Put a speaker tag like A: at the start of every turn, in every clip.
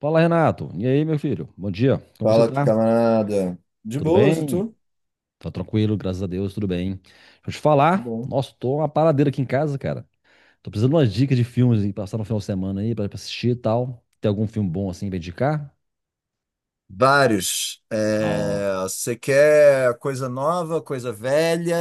A: Fala, Renato. E aí, meu filho? Bom dia. Como você
B: Fala,
A: tá?
B: camarada. De
A: Tudo
B: boas, e
A: bem?
B: tu?
A: Tá tranquilo, graças a Deus, tudo bem. Deixa eu te falar.
B: Bom.
A: Nossa, tô uma paradeira aqui em casa, cara. Tô precisando de umas dicas de filmes aí, passar no final de semana aí pra assistir e tal. Tem algum filme bom assim pra indicar?
B: Vários. É,
A: Ó.
B: você quer coisa nova, coisa velha?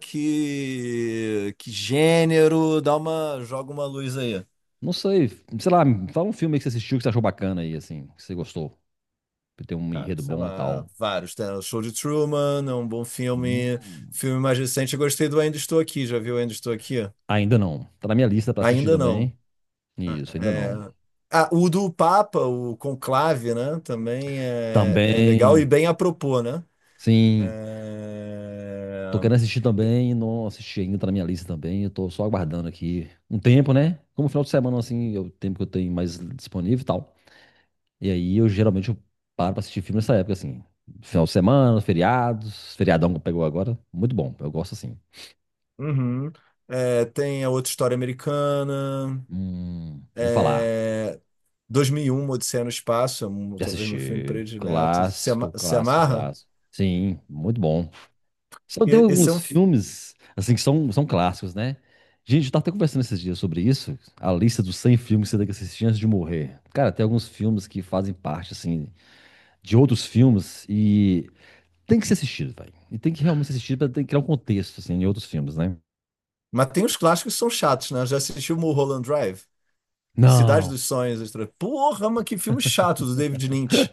B: Que gênero? Joga uma luz aí.
A: Não sei. Sei lá, me fala um filme aí que você assistiu que você achou bacana aí, assim, que você gostou. Que tem um
B: Cara,
A: enredo
B: sei
A: bom e
B: lá,
A: tal.
B: vários. Tem o Show de Truman, é um bom filme.
A: Hum.
B: Filme mais recente, eu gostei do Ainda Estou Aqui. Já viu Ainda Estou Aqui?
A: Ainda não. Tá na minha lista pra assistir
B: Ainda não.
A: também.
B: Ah,
A: Isso, ainda
B: é-
A: não.
B: ah, o do Papa, o Conclave, né? Também é legal e
A: Também.
B: bem apropos, né?
A: Sim. Tô
B: É...
A: querendo assistir também, não assisti ainda, tá na minha lista também. Eu tô só aguardando aqui um tempo, né? Como final de semana, assim, é o tempo que eu tenho mais disponível e tal. E aí eu geralmente eu paro pra assistir filme nessa época, assim. Final de semana, feriados, feriadão que pegou agora. Muito bom, eu gosto assim.
B: Uhum. É, tem a outra história americana.
A: Já ouvi falar.
B: É... 2001, Uma Odisseia no Espaço,
A: Já
B: talvez meu filme
A: assisti.
B: predileto.
A: Clássico,
B: Se
A: clássico,
B: amarra?
A: clássico. Sim, muito bom. Só tem
B: E Esse é um...
A: alguns
B: f-
A: filmes, assim, que são clássicos, né? Gente, eu tava até conversando esses dias sobre isso, a lista dos 100 filmes que você tem que assistir antes de morrer. Cara, tem alguns filmes que fazem parte, assim, de outros filmes e tem que ser assistido, velho. E tem que realmente ser assistido pra criar um contexto, assim, em outros filmes, né?
B: Mas tem uns clássicos que são chatos, né? Já assisti o Mulholland Drive, Cidade
A: Não.
B: dos Sonhos. Porra, mas que filme chato do David Lynch.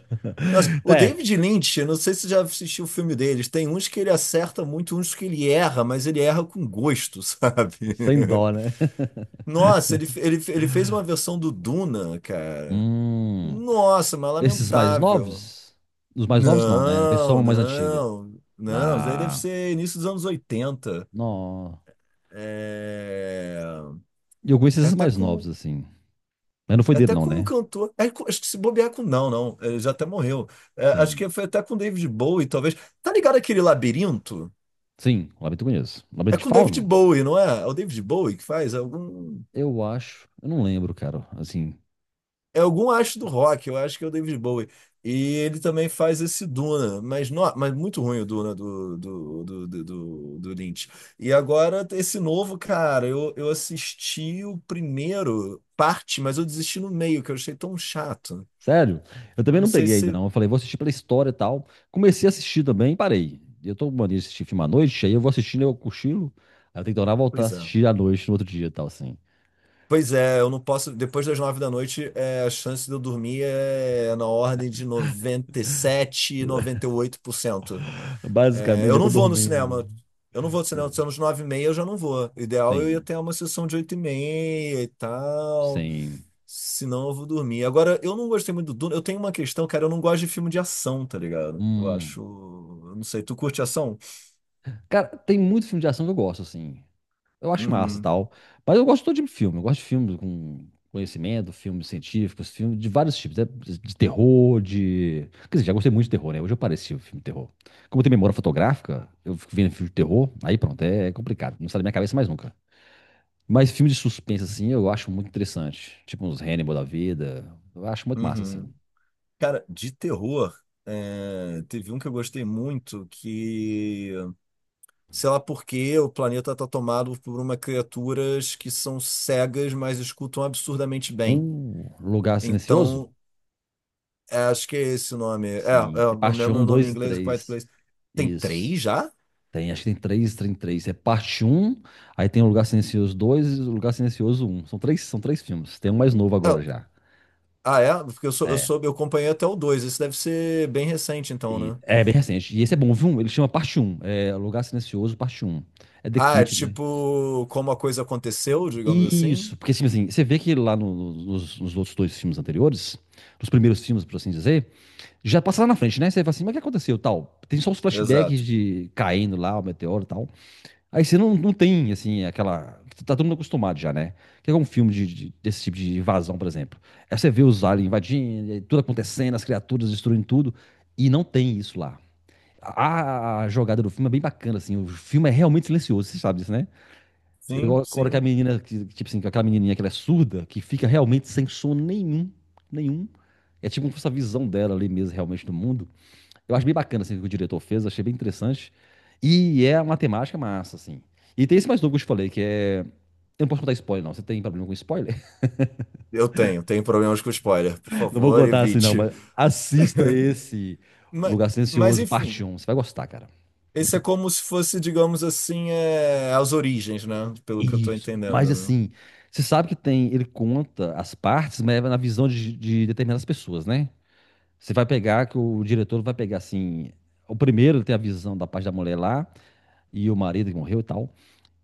B: Nossa, o
A: É,
B: David Lynch, eu não sei se você já assistiu o filme deles. Tem uns que ele acerta muito, uns que ele erra, mas ele erra com gosto, sabe?
A: sem dó, né?
B: Nossa, ele fez uma versão do Duna, cara.
A: Hum,
B: Nossa, mas
A: esses mais
B: lamentável.
A: novos? Os mais novos não, né? A
B: Não,
A: versão mais antiga
B: não, não. Isso daí deve
A: da...
B: ser início dos anos 80.
A: Não.
B: É,
A: E eu conheço
B: é
A: esses
B: até
A: mais novos,
B: com.
A: assim. Mas não foi
B: É
A: dele,
B: até
A: não,
B: com um
A: né?
B: cantor. Acho que se bobear com. Não, não. Ele já até morreu. É, acho
A: Sim.
B: que foi até com David Bowie, talvez. Tá ligado aquele labirinto?
A: Sim, o Labirinto eu conheço. O
B: É
A: Labirinto de
B: com David
A: Fauno?
B: Bowie, não é? É o David Bowie que faz algum.
A: Eu acho. Eu não lembro, cara. Assim,
B: É algum astro do rock, eu acho que é o David Bowie. E ele também faz esse Duna, mas, no, mas muito ruim o Duna do Lynch. E agora, esse novo, cara, eu assisti o primeiro parte, mas eu desisti no meio, que eu achei tão chato.
A: sério. Eu
B: Eu
A: também
B: não
A: não
B: sei
A: peguei ainda,
B: se.
A: não. Eu falei, vou assistir pela história e tal. Comecei a assistir também e parei. Eu tô com mania de assistir filme à noite, aí eu vou assistindo, eu cochilo. Aí eu tenho que tornar a voltar a
B: Pois é.
A: assistir à noite no outro dia e tal, assim.
B: Pois é, eu não posso. Depois das 9 da noite, a chance de eu dormir é na ordem de noventa e sete, 98%. É,
A: Basicamente,
B: eu
A: já tô
B: não vou no cinema.
A: dormindo.
B: Eu não vou no
A: É.
B: cinema. Se é nos 9:30, eu já não vou. O ideal é eu ia
A: Sim,
B: ter uma sessão de 8:30 e tal.
A: sim.
B: Senão eu vou dormir. Agora, eu não gostei muito do Duna. Eu tenho uma questão, cara. Eu não gosto de filme de ação, tá ligado? Eu
A: Hum.
B: acho. Eu não sei. Tu curte ação?
A: Cara, tem muito filme de ação que eu gosto, assim. Eu acho massa e
B: Uhum.
A: tal. Mas eu gosto de todo tipo de filme. Eu gosto de filmes com conhecimento, filmes científicos, filmes de vários tipos. Né? De terror, de. Quer dizer, já gostei muito de terror, né? Hoje eu pareci o filme de terror. Como eu tenho memória fotográfica, eu fico vendo filme de terror, aí pronto, é complicado. Não sai da minha cabeça mais nunca. Mas filme de suspense, assim, eu acho muito interessante. Tipo uns Hannibal da vida. Eu acho muito massa,
B: Uhum.
A: assim.
B: Cara, de terror. É, teve um que eu gostei muito que, sei lá por quê, o planeta tá tomado por uma criaturas que são cegas, mas escutam absurdamente bem.
A: Um lugar silencioso?
B: Então, é, acho que é esse o nome. É, é,
A: Sim.
B: eu me
A: Parte
B: lembro
A: um,
B: o nome em
A: 2 e
B: inglês, Quiet
A: três.
B: Place. Tem
A: Isso.
B: três já?
A: Tem, acho que tem três, tem três. É parte um, aí tem o Lugar Silencioso dois e o Lugar Silencioso um. São três filmes. Tem um mais novo agora
B: É,
A: já.
B: ah, é? Porque eu, sou, eu,
A: É,
B: soube, eu acompanhei até o dois. Esse deve ser bem recente, então, né?
A: é bem recente. E esse é bom, viu? Ele chama parte um, é Lugar Silencioso, parte um, é The
B: Ah, é
A: Kid, né?
B: tipo como a coisa aconteceu, digamos
A: Isso,
B: assim?
A: porque assim, assim, você vê que lá nos outros dois filmes anteriores, nos primeiros filmes, por assim dizer, já passa lá na frente, né? Você fala assim, mas o que aconteceu, tal? Tem só os flashbacks
B: Exato.
A: de caindo lá, o meteoro e tal. Aí você não, não tem, assim, aquela. Tá todo mundo acostumado já, né? Que é um filme desse tipo de invasão, por exemplo? Aí você vê os aliens invadindo, e tudo acontecendo, as criaturas destruindo tudo, e não tem isso lá. A jogada do filme é bem bacana, assim. O filme é realmente silencioso, você sabe disso, né?
B: Sim,
A: Igual a hora que a
B: sim.
A: menina, tipo assim, aquela menininha que ela é surda, que fica realmente sem som nenhum, nenhum. É tipo essa visão dela ali mesmo, realmente, do mundo. Eu acho bem bacana assim, o que o diretor fez, achei bem interessante. E é uma temática massa, assim. E tem esse mais novo que eu te falei, que é. Eu não posso contar spoiler, não. Você tem problema com spoiler?
B: Eu tenho problemas com spoiler. Por
A: Não vou
B: favor,
A: contar assim, não,
B: evite.
A: mas assista esse O
B: Mas,
A: Lugar
B: mas
A: Silencioso, parte
B: enfim,
A: um. Você vai gostar, cara.
B: esse
A: Muito.
B: é como se fosse, digamos assim, é, as origens, né? Pelo que eu tô
A: Isso. Mas
B: entendendo, né?
A: assim, você sabe que tem. Ele conta as partes, mas é na visão de determinadas pessoas, né? Você vai pegar que o diretor vai pegar assim. O primeiro ele tem a visão da parte da mulher lá, e o marido que morreu e tal.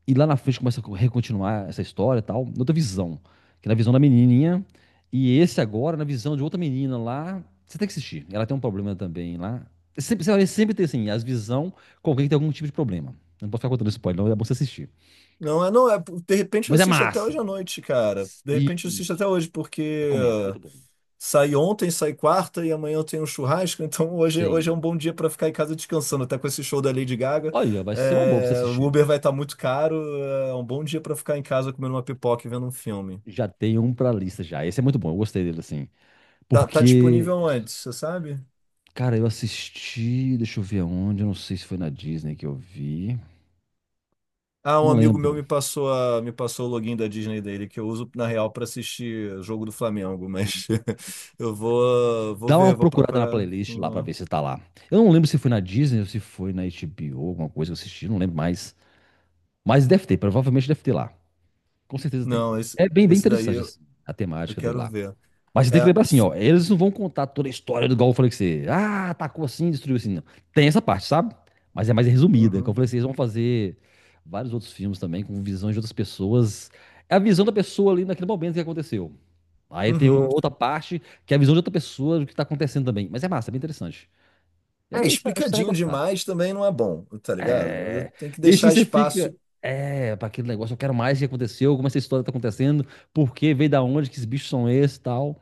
A: E lá na frente começa a recontinuar essa história e tal, outra visão. Que é na visão da menininha. E esse agora, na visão de outra menina lá. Você tem que assistir. Ela tem um problema também lá. Sempre, sempre, sempre tem, assim, as visão com alguém que tem algum tipo de problema. Eu não posso ficar contando spoiler, não. É bom você assistir.
B: Não, não. De repente eu
A: Mas é
B: assisto até hoje
A: massa.
B: à noite, cara. De repente eu assisto até
A: Isso.
B: hoje, porque
A: Recomendo. É muito bom.
B: saí ontem, saí quarta e amanhã eu tenho um churrasco. Então hoje é um
A: Sim.
B: bom dia para ficar em casa descansando. Até com esse show da Lady Gaga,
A: Olha, vai ser uma boa pra você
B: o
A: assistir.
B: Uber vai estar muito caro, é um bom dia para ficar em casa comendo uma pipoca e vendo um filme.
A: Já tem um pra lista já. Esse é muito bom. Eu gostei dele, assim.
B: Tá
A: Porque,
B: disponível onde, você sabe?
A: cara, eu assisti. Deixa eu ver aonde. Eu não sei se foi na Disney que eu vi.
B: Ah, um
A: Não
B: amigo meu
A: lembro.
B: me passou o login da Disney dele, que eu uso na real para assistir jogo do Flamengo, mas eu vou
A: Dá uma
B: ver, vou
A: procurada na
B: procurar.
A: playlist lá pra ver se tá lá. Eu não lembro se foi na Disney ou se foi na HBO, alguma coisa que eu assisti, não lembro mais. Mas deve ter, provavelmente deve ter lá. Com certeza tem.
B: Não, esse,
A: É bem, bem
B: esse daí
A: interessante
B: eu,
A: assim, a
B: eu
A: temática dele
B: quero
A: lá.
B: ver.
A: Mas você tem
B: É,
A: que lembrar assim, ó, eles não vão contar toda a história do igual eu falei que você, ah, atacou assim, destruiu assim, não. Tem essa parte, sabe? Mas é mais resumida. Como eu
B: uhum,
A: falei, vocês vão fazer vários outros filmes também com visões de outras pessoas. É a visão da pessoa ali naquele momento que aconteceu. Aí tem
B: uhum.
A: outra parte, que é a visão de outra pessoa do que tá acontecendo também. Mas é massa, é bem interessante. É
B: É,
A: bem, acho que você vai
B: explicadinho
A: gostar.
B: demais também não é bom, tá ligado?
A: É.
B: Tem que
A: E aí sim
B: deixar
A: você fica.
B: espaço.
A: É, para aquele negócio, eu quero mais o que aconteceu, como essa história tá acontecendo, por que veio da onde, que esses bichos são esses e tal.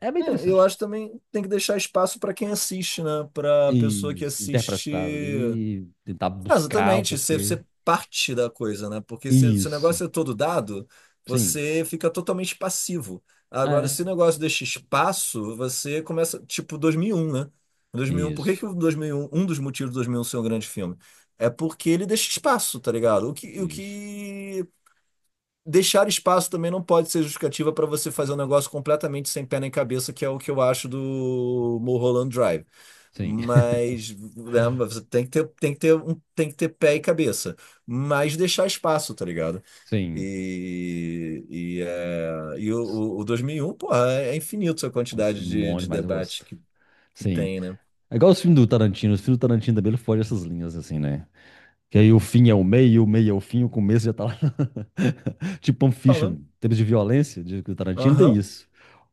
A: É bem
B: É, eu
A: interessante.
B: acho também tem que deixar espaço para quem assiste, né? Para pessoa que
A: Isso, interpretar
B: assiste.
A: ali, tentar
B: Ah,
A: buscar o
B: exatamente, você,
A: porquê.
B: você parte da coisa, né? Porque se o
A: Isso,
B: negócio é todo dado,
A: sim.
B: você fica totalmente passivo. Agora, se o
A: É.
B: negócio deixa espaço, você começa, tipo 2001, né? 2001, por que
A: Isso,
B: que o 2001, um dos motivos do 2001 ser um grande filme? É porque ele deixa espaço, tá ligado? O que, o
A: isso.
B: que deixar espaço também não pode ser justificativa para você fazer um negócio completamente sem pé nem cabeça, que é o que eu acho do Mulholland Drive.
A: Sim,
B: Mas né, você tem que ter, pé e cabeça, mas deixar espaço, tá ligado?
A: sim.
B: E, o 2001, porra, é infinito a
A: Nossa, é
B: quantidade de,
A: bom
B: de
A: demais, eu
B: debate
A: gosto.
B: que
A: Sim.
B: tem, né?
A: É igual os filmes do Tarantino. Os filmes do Tarantino também ele foge dessas linhas, assim, né? Que aí o fim é o meio é o fim, o começo já tá lá. Tipo Pulp Fiction,
B: Falando,
A: em termos de violência, de do Tarantino, tem
B: aham,
A: isso.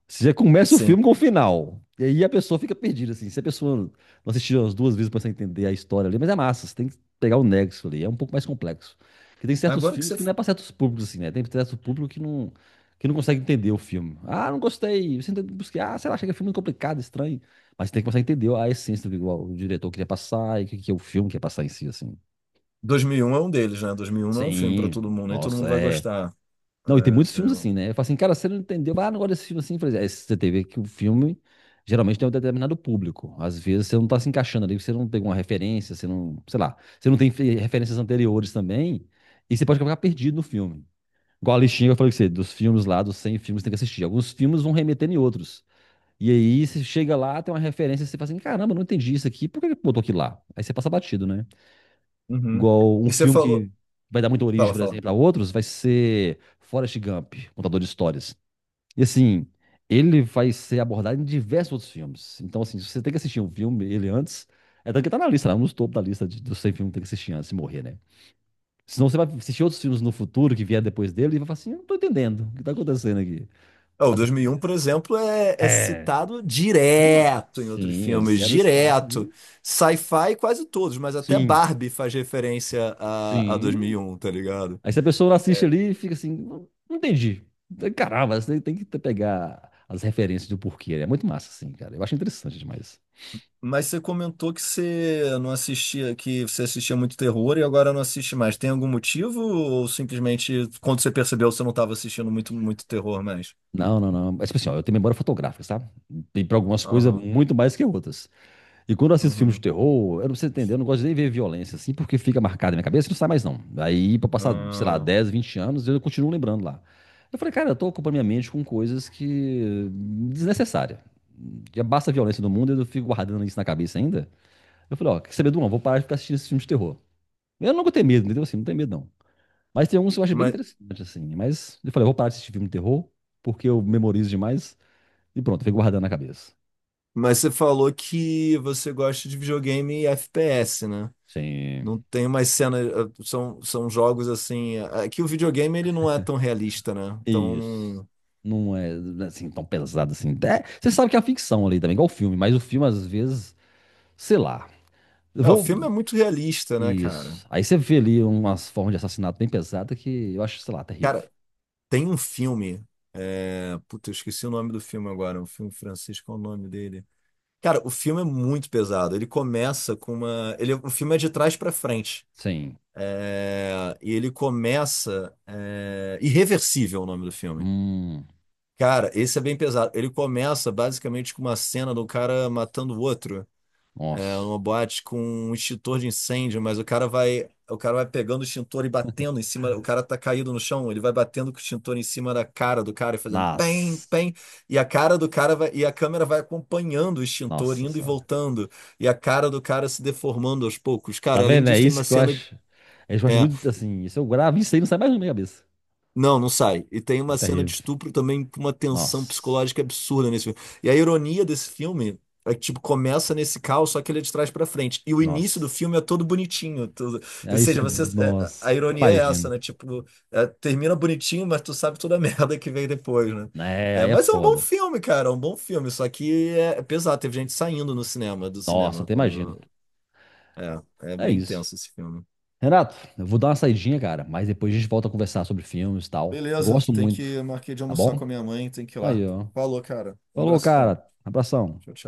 A: Você já começa o
B: sim.
A: filme com o final. E aí a pessoa fica perdida, assim. Se a pessoa não assistiu as duas vezes pra você entender a história ali, mas é massa, você tem que pegar o nexo ali, é um pouco mais complexo. Porque tem certos
B: Agora que
A: filmes
B: você.
A: que não é pra certos públicos, assim, né? Tem certo público que não consegue entender o filme. Ah, não gostei. Você tenta buscar, ah, sei lá, achei que é filme complicado, estranho. Mas você tem que começar a entender a essência do que o diretor queria passar e o que, que é o filme quer passar em si, assim.
B: 2001 é um deles, né? 2001 não é um filme pra
A: Sim,
B: todo mundo, nem todo mundo
A: nossa,
B: vai
A: é
B: gostar.
A: não, e tem muitos
B: É, é
A: filmes assim,
B: um-
A: né? Eu falo assim, cara, você não entendeu, ah, não gosto desse filme assim. Eu falei, é, você tem que ver que o filme geralmente tem um determinado público. Às vezes você não tá se encaixando ali, você não tem uma referência, você não, sei lá, você não tem referências anteriores também, e você pode acabar perdido no filme. Igual a listinha que eu falei com você, dos filmes lá, dos 100 filmes que você tem que assistir. Alguns filmes vão remeter em outros. E aí você chega lá, tem uma referência, você fala assim, caramba, não entendi isso aqui, por que que botou aquilo lá? Aí você passa batido, né?
B: Uhum.
A: Igual um
B: E você
A: filme
B: falou.
A: que vai dar muita origem,
B: Fala,
A: por
B: fala.
A: exemplo, a outros, vai ser Forrest Gump, contador de histórias. E assim, ele vai ser abordado em diversos outros filmes. Então, assim, você tem que assistir um filme, ele antes. É tanto que tá na lista, lá, nos topo da lista de, dos 100 filmes que tem que assistir antes de morrer, né? Senão você vai assistir outros filmes no futuro que vier depois dele e vai falar assim: eu não tô entendendo o que tá acontecendo aqui.
B: É, o
A: As
B: 2001,
A: referências.
B: por exemplo, é
A: É.
B: citado
A: Demais.
B: direto em outros
A: Sim, a
B: filmes,
A: Odisseia do Espaço
B: direto.
A: ali.
B: Sci-fi, quase todos, mas até
A: Sim,
B: Barbie faz referência a dois mil
A: sim.
B: e um, tá ligado?
A: Aí se a pessoa assiste ali e fica assim, não, não entendi. Caramba, você tem que pegar as referências do porquê. É muito massa, assim, cara. Eu acho interessante demais.
B: Mas você comentou que você não assistia, que você assistia muito terror e agora não assiste mais. Tem algum motivo ou simplesmente quando você percebeu você não estava assistindo muito terror mais?
A: Não, não, não. Mas, tipo assim, ó, eu tenho memória fotográfica, sabe? Tem pra algumas coisas
B: Aham,
A: muito mais que outras. E quando eu assisto filmes de
B: uhum,
A: terror, eu não sei entender, eu não gosto nem de ver violência, assim, porque fica marcado na minha cabeça e não sai mais, não. Aí, pra passar, sei lá,
B: ah.
A: 10, 20 anos, eu continuo lembrando lá. Eu falei, cara, eu tô ocupando minha mente com coisas que... desnecessárias. Já basta a violência do mundo e eu fico guardando isso na cabeça ainda. Eu falei, ó, quer saber, de Duão? Vou parar de ficar assistindo esses filmes de terror. Eu não vou ter medo, entendeu? Assim, não tenho medo, não. Mas tem alguns que eu acho bem
B: Mas,
A: interessante, assim. Mas eu falei, eu vou parar de assistir filme de terror, porque eu memorizo demais. E pronto, eu fico guardando na cabeça.
B: mas você falou que você gosta de videogame e FPS, né?
A: Sim.
B: Não tem mais cenas, são jogos assim. Aqui o videogame ele não é tão realista, né? Então,
A: Isso.
B: não-
A: Não é, assim, tão pesado assim. É, você sabe que é a ficção ali também, igual o filme. Mas o filme, às vezes, sei lá. Eu
B: é, o
A: vou...
B: filme é muito realista, né, cara?
A: Isso. Aí você vê ali umas formas de assassinato bem pesada que eu acho, sei lá, terrível.
B: Cara, tem um filme. Puta, eu esqueci o nome do filme agora. O filme francês, qual é o nome dele? Cara, o filme é muito pesado. Ele começa com uma. O filme é de trás pra frente.
A: Sim.
B: É, e ele começa. É, Irreversível é o nome do filme.
A: Hum,
B: Cara, esse é bem pesado. Ele começa basicamente com uma cena do cara matando o outro. É
A: nossa.
B: uma boate com um extintor de incêndio, mas o cara vai pegando o extintor e batendo em cima, o cara tá caído no chão, ele vai batendo com o extintor em cima da cara do cara e fazendo pem,
A: Nas.
B: pem, e a cara do cara vai, e a câmera vai acompanhando o extintor
A: Nossa
B: indo e
A: senhora.
B: voltando, e a cara do cara se deformando aos poucos.
A: Tá
B: Cara, além
A: vendo? É
B: disso tem
A: isso
B: uma
A: que eu
B: cena.
A: acho. É isso que eu acho
B: é,
A: muito assim. Se eu gravo isso aí, não sai mais na minha cabeça.
B: Não, não sai. E tem
A: É
B: uma cena de
A: terrível.
B: estupro também com uma tensão
A: Nossa.
B: psicológica absurda nesse filme. E a ironia desse filme é que, tipo, começa nesse caos, só que ele é de trás pra frente. E o início do
A: Nossa.
B: filme é todo bonitinho. Tudo. Ou
A: Aí você.
B: seja, a
A: Nossa. Até
B: ironia é essa,
A: imagino.
B: né? Tipo, termina bonitinho, mas tu sabe toda a merda que vem depois, né?
A: É,
B: É,
A: aí é
B: mas é um bom
A: foda.
B: filme, cara. É um bom filme. Só que é pesado. Teve gente saindo no cinema, do
A: Nossa,
B: cinema.
A: até imagino.
B: Quando... É
A: É
B: bem
A: isso.
B: tenso esse filme.
A: Renato, eu vou dar uma saidinha, cara. Mas depois a gente volta a conversar sobre filmes e tal. Eu
B: Beleza,
A: gosto
B: tem que
A: muito.
B: eu marquei de
A: Tá
B: almoçar com a
A: bom?
B: minha mãe, tem que ir lá.
A: Aí, ó.
B: Falou, cara. Um
A: Falou,
B: abração.
A: cara. Abração.
B: Tchau, tchau.